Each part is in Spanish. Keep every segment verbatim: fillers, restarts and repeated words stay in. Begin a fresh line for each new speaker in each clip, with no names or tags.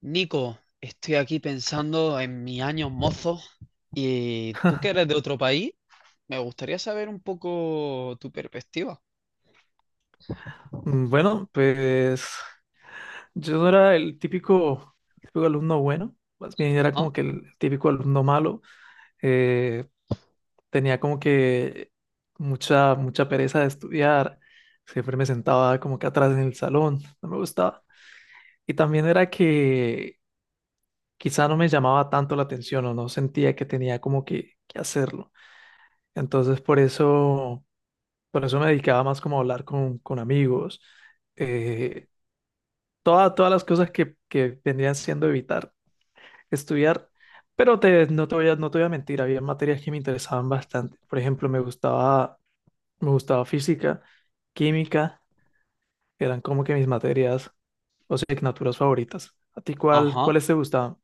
Nico, estoy aquí pensando en mis años mozos y tú que eres de otro país, me gustaría saber un poco tu perspectiva.
Mm, Bueno, pues yo no era el típico, típico alumno bueno, más bien era
Ajá,
como que el típico alumno malo. eh, Tenía como que mucha, mucha pereza de estudiar, siempre me sentaba como que atrás en el salón, no me gustaba. Y también era que quizá no me llamaba tanto la atención o no sentía que tenía como que, que hacerlo. Entonces por eso, por eso me dedicaba más como a hablar con, con amigos. eh, toda- Todas las cosas que, que vendrían siendo evitar estudiar, pero te, no te voy a, no te voy a mentir, había materias que me interesaban bastante. Por ejemplo, me gustaba, me gustaba física, química, eran como que mis materias o asignaturas favoritas. ¿A ti cuál,
ajá.
cuáles te gustaban?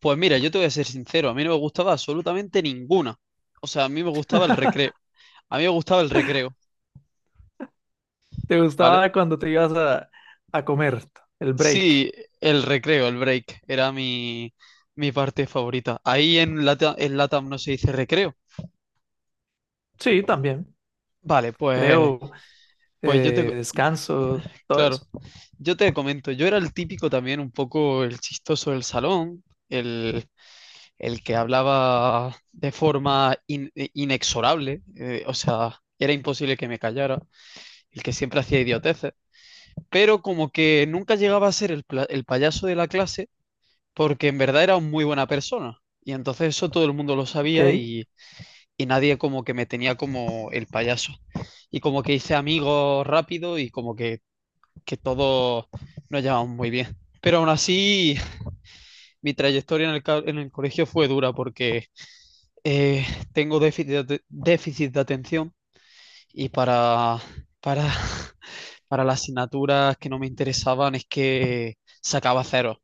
Pues mira, yo te voy a ser sincero, a mí no me gustaba absolutamente ninguna. O sea, a mí me gustaba el recreo. A mí me gustaba el recreo,
¿Te
¿vale?
gustaba cuando te ibas a, a comer el break?
Sí, el recreo, el break, era mi, mi parte favorita. Ahí en Latam, en Latam no se dice recreo.
Sí, también.
Vale, pues,
Creo,
pues yo te,
eh, descanso, todo eso.
Claro, yo te comento, yo era el típico también, un poco el chistoso del salón, el, el que hablaba de forma in- eh, inexorable, eh, o sea, era imposible que me callara, el que siempre hacía idioteces, pero como que nunca llegaba a ser el, pla- el payaso de la clase porque en verdad era muy buena persona y entonces eso todo el mundo lo sabía
Ok.
y, y nadie como que me tenía como el payaso y como que hice amigos rápido y como que que todos nos llevamos muy bien. Pero aún así, mi trayectoria en el, ca- en el colegio fue dura porque eh, tengo déficit de, déficit de atención y para, para, para las asignaturas que no me interesaban es que sacaba cero.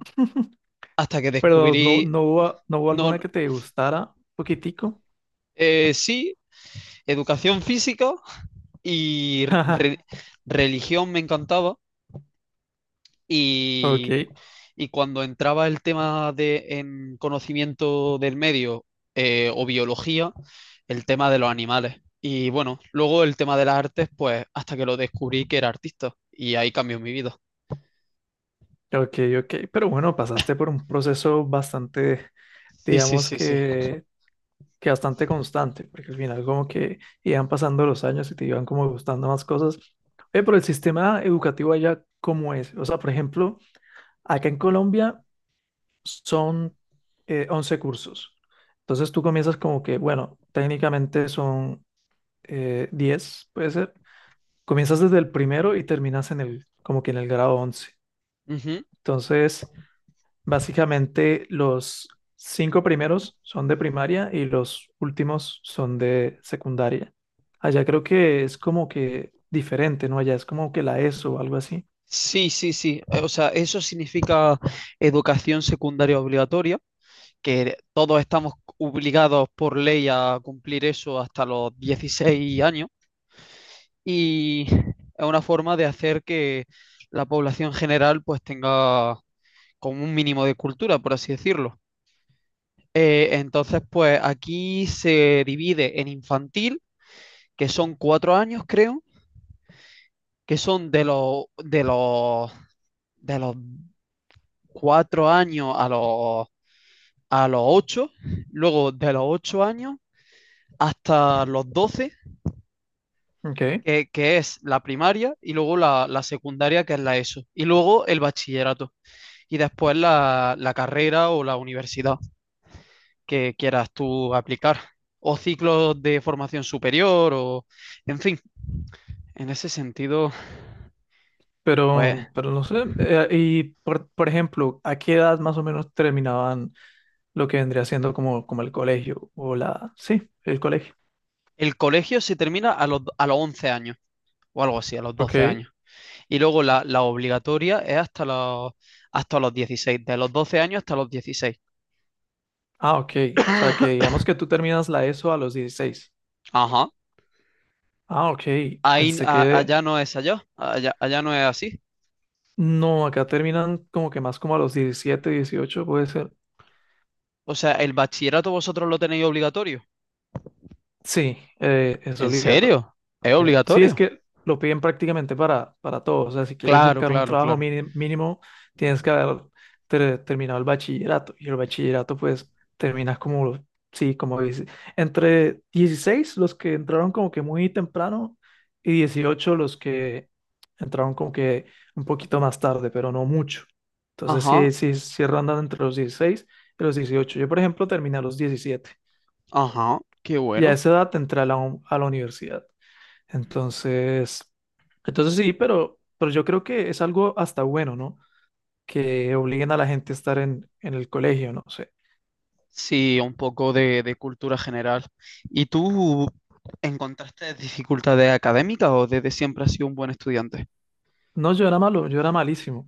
Hasta que
Pero no,
descubrí,
no hubo, no hubo
no,
alguna que te gustara un poquitico.
eh, sí, educación física y
Ajá,
re- religión me encantaba.
ok,
Y, y cuando entraba el tema de en conocimiento del medio eh, o biología, el tema de los animales. Y bueno, luego el tema de las artes, pues hasta que lo descubrí que era artista. Y ahí cambió mi vida.
ok, ok. Pero bueno, pasaste por un proceso bastante,
Sí, sí,
digamos
sí, sí.
que, que bastante constante, porque al final como que iban pasando los años y te iban como gustando más cosas. Oye, pero el sistema educativo allá, ¿cómo es? O sea, por ejemplo, acá en Colombia son eh, once cursos. Entonces tú comienzas como que, bueno, técnicamente son eh, diez, puede ser. Comienzas desde el primero y terminas en el, como que en el grado once.
Ujú.
Entonces básicamente, los cinco primeros son de primaria y los últimos son de secundaria. Allá creo que es como que diferente, ¿no? Allá es como que la ESO o algo así.
Sí, sí, sí. Eh, O sea, eso significa educación secundaria obligatoria, que todos estamos obligados por ley a cumplir eso hasta los dieciséis años. Y es una forma de hacer que la población general pues tenga como un mínimo de cultura, por así decirlo. Eh, entonces, pues aquí se divide en infantil, que son cuatro años, creo, que son de los de los de los cuatro años a los a los ocho, luego de los ocho años hasta los doce,
Ok,
que, que es la primaria, y luego la, la secundaria, que es la ESO, y luego el bachillerato. Y después la, la carrera o la universidad que quieras tú aplicar o ciclos de formación superior o en fin, en ese sentido, pues
pero, pero no sé. Eh, y por, por ejemplo, ¿a qué edad más o menos terminaban lo que vendría siendo como, como el colegio o la... Sí, el colegio.
el colegio se termina a los, a los once años o algo así, a los doce
Ok.
años. Y luego la, la obligatoria es hasta los, hasta los dieciséis, de los doce años hasta los dieciséis.
Ah, ok. O sea, que digamos que tú terminas la ESO a los dieciséis.
Ajá.
Ah, ok.
Ahí,
Pensé
a-
que
allá no es allá, allá, allá no es así.
no, acá terminan como que más como a los diecisiete, dieciocho, puede ser.
O sea, el bachillerato vosotros lo tenéis obligatorio.
Sí, eh, es
¿En
obligatorio
serio? ¿Es
también. Sí, es
obligatorio?
que lo piden prácticamente para, para todo. O sea, si quieres
Claro,
buscar un
claro,
trabajo
claro.
mini- mínimo, tienes que haber ter- terminado el bachillerato. Y el bachillerato, pues, terminas como, sí, como dice, entre dieciséis los que entraron como que muy temprano, y dieciocho los que entraron como que un poquito más tarde, pero no mucho. Entonces,
Ajá,
sí, sí, sí rondan entre los dieciséis y los dieciocho. Yo, por ejemplo, terminé a los diecisiete.
ajá, qué
Y a
bueno.
esa edad te a la, un- a la universidad. Entonces, entonces sí, pero, pero yo creo que es algo hasta bueno, ¿no? Que obliguen a la gente a estar en, en el colegio, no sé.
Sí, un poco de, de cultura general. ¿Y tú encontraste dificultades académicas o desde siempre has sido un buen estudiante?
No, yo era malo, yo era malísimo,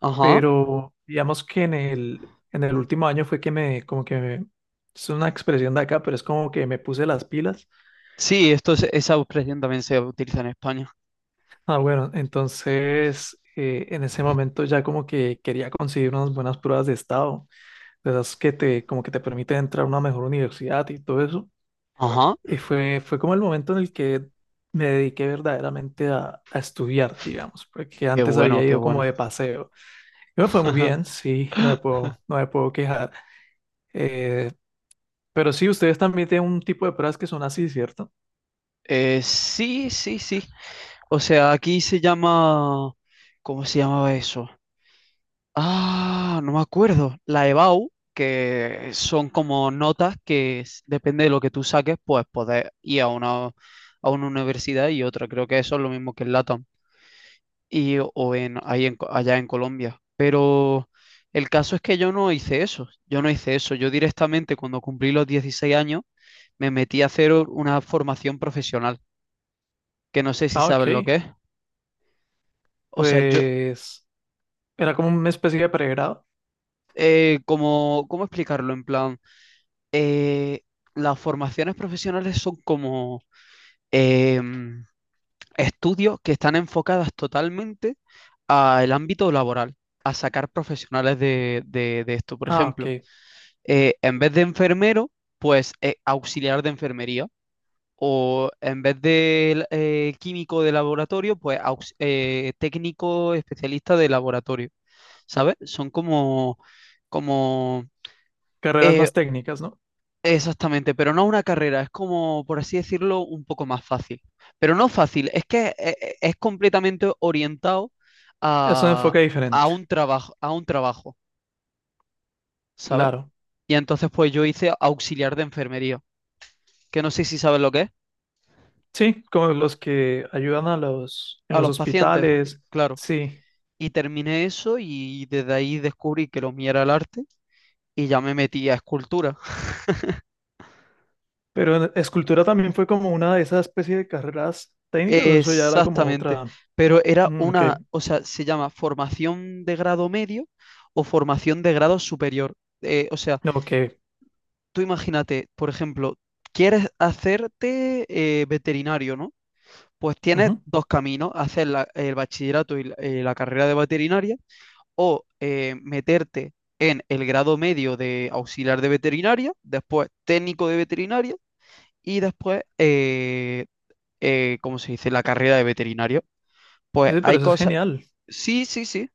Ajá.
pero digamos que en el, en el último año fue que me, como que me, es una expresión de acá, pero es como que me puse las pilas.
Sí, esto es- esa expresión también se utiliza en España.
Ah, bueno, entonces eh, en ese momento ya como que quería conseguir unas buenas pruebas de estado de esas que te, como que te permite entrar a una mejor universidad y todo eso.
Ajá,
Y fue, fue como el momento en el que me dediqué verdaderamente a, a estudiar, digamos, porque
qué
antes
bueno,
había
qué
ido como
bueno.
de paseo. Y me fue muy bien, sí, no me puedo, no me puedo quejar. Eh, pero sí, ustedes también tienen un tipo de pruebas que son así, ¿cierto?
Eh, sí, sí, sí. O sea, aquí se llama, ¿cómo se llamaba eso? Ah, no me acuerdo. La EBAU, que son como notas que s- depende de lo que tú saques, pues podés ir a una, a una universidad y otra. Creo que eso es lo mismo que en LATAM y, o en, ahí en Co- allá en Colombia. Pero el caso es que yo no hice eso. Yo no hice eso. Yo directamente cuando cumplí los dieciséis años me metí a hacer u- una formación profesional, que no sé si
Ah,
sabes lo que
ok.
es. O sea, yo,
Pues era como una especie de pregrado.
eh, como, ¿cómo explicarlo? En plan... eh, las formaciones profesionales son como eh, estudios que están enfocadas totalmente al ámbito laboral, a sacar profesionales de, de- de esto. Por
Ah,
ejemplo,
ok.
eh, en vez de enfermero, pues eh, auxiliar de enfermería. O en vez de eh, químico de laboratorio, pues aux- eh, técnico especialista de laboratorio. ¿Sabes? Son como, como
Carreras
eh,
más técnicas, ¿no?
exactamente, pero no una carrera, es como, por así decirlo, un poco más fácil. Pero no fácil, es que e- e- es completamente orientado
Es un
a,
enfoque
a
diferente.
un trabajo, a un trabajo, ¿sabes?
Claro.
Y entonces pues yo hice auxiliar de enfermería, que no sé si sabes lo que es,
Sí, como los que ayudan a los en
a
los
los pacientes,
hospitales.
claro.
Sí.
Y terminé eso y desde ahí descubrí que lo mío era el arte y ya me metí a escultura.
Pero en- escultura también fue como una de esas especies de carreras técnicas, o eso ya era como
Exactamente,
otra.
pero era
Mm, ok.
una, o sea, se llama formación de grado medio o formación de grado superior. Eh, o sea,
No, ok.
tú imagínate, por ejemplo, quieres hacerte eh, veterinario, ¿no? Pues tienes
Ujú.
dos caminos, hacer la- el bachillerato y la, eh, la carrera de veterinaria o eh, meterte en el grado medio de auxiliar de veterinaria, después técnico de veterinaria y después, eh, eh, ¿cómo se dice?, la carrera de veterinario. Pues
Sí, pero
hay
eso es
cosas,
genial.
sí, sí, sí.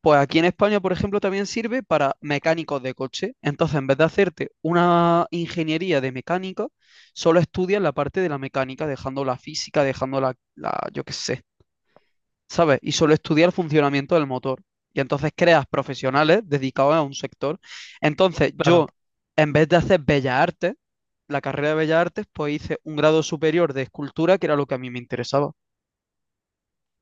Pues aquí en España, por ejemplo, también sirve para mecánicos de coche. Entonces, en vez de hacerte una ingeniería de mecánica, solo estudias la parte de la mecánica, dejando la física, dejando la, la- yo qué sé, ¿sabes? Y solo estudias el funcionamiento del motor. Y entonces creas profesionales dedicados a un sector. Entonces,
Claro.
yo, en vez de hacer Bellas Artes, la carrera de Bellas Artes, pues hice un grado superior de escultura, que era lo que a mí me interesaba.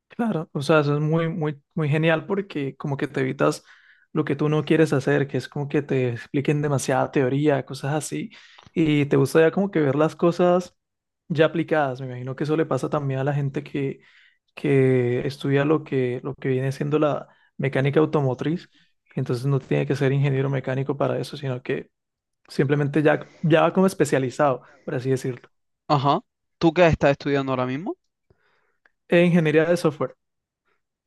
Claro, o sea, eso es muy, muy, muy genial porque como que te evitas lo que tú no quieres hacer, que es como que te expliquen demasiada teoría, cosas así, y te gusta ya como que ver las cosas ya aplicadas. Me imagino que eso le pasa también a la gente que, que estudia lo que, lo que viene siendo la mecánica automotriz, entonces no tiene que ser ingeniero mecánico para eso, sino que simplemente ya, ya va como especializado, por así decirlo,
Ajá. ¿Tú qué estás estudiando ahora mismo?
en ingeniería de software.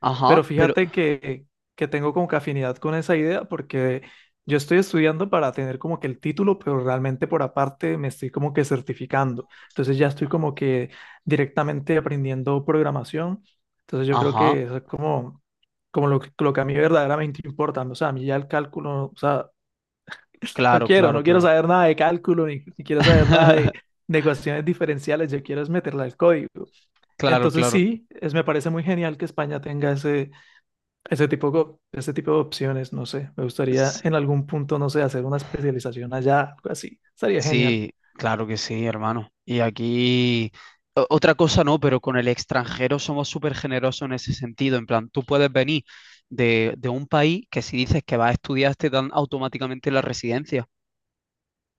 Ajá,
Pero
pero...
fíjate que, que tengo como que afinidad con esa idea porque yo estoy estudiando para tener como que el título, pero realmente por aparte me estoy como que certificando. Entonces ya estoy como que directamente aprendiendo programación. Entonces yo creo
Ajá.
que eso es como, como lo, que- lo que a mí verdaderamente importa. O sea, a mí ya el cálculo, o sea, no
Claro,
quiero,
claro,
no quiero
claro.
saber nada de cálculo ni, ni quiero saber nada de, de ecuaciones diferenciales. Yo quiero es meterla al código.
Claro,
Entonces
claro.
sí, es, me parece muy genial que España tenga ese ese tipo, go- ese tipo de opciones, no sé. Me gustaría
S-
en algún punto, no sé, hacer una especialización allá, algo así. Estaría genial.
Sí, claro que sí, hermano. Y aquí, o- otra cosa no, pero con el extranjero somos súper generosos en ese sentido. En plan, tú puedes venir de, de un país que si dices que vas a estudiar te dan automáticamente la residencia.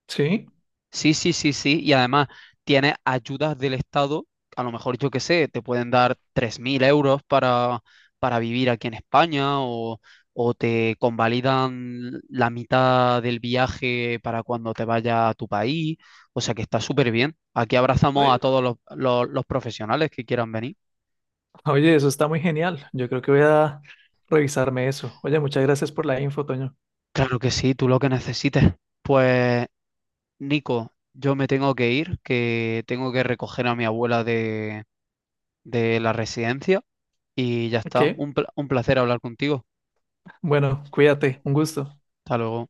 Sí.
Sí, sí, sí, sí. Y además tienes ayudas del Estado, a lo mejor yo qué sé, te pueden dar tres mil euros para, para vivir aquí en España o, o te convalidan la mitad del viaje para cuando te vayas a tu país. O sea que está súper bien. Aquí abrazamos a
Oye,
todos los, los los profesionales que quieran venir.
Oye, eso está muy genial. Yo creo que voy a revisarme eso. Oye, muchas gracias por la info, Toño.
Claro que sí, tú lo que necesites. Pues, Nico, yo me tengo que ir, que tengo que recoger a mi abuela de de la residencia y ya está.
Ok.
Un, pla- un placer hablar contigo.
Bueno, cuídate. Un gusto.
Hasta luego.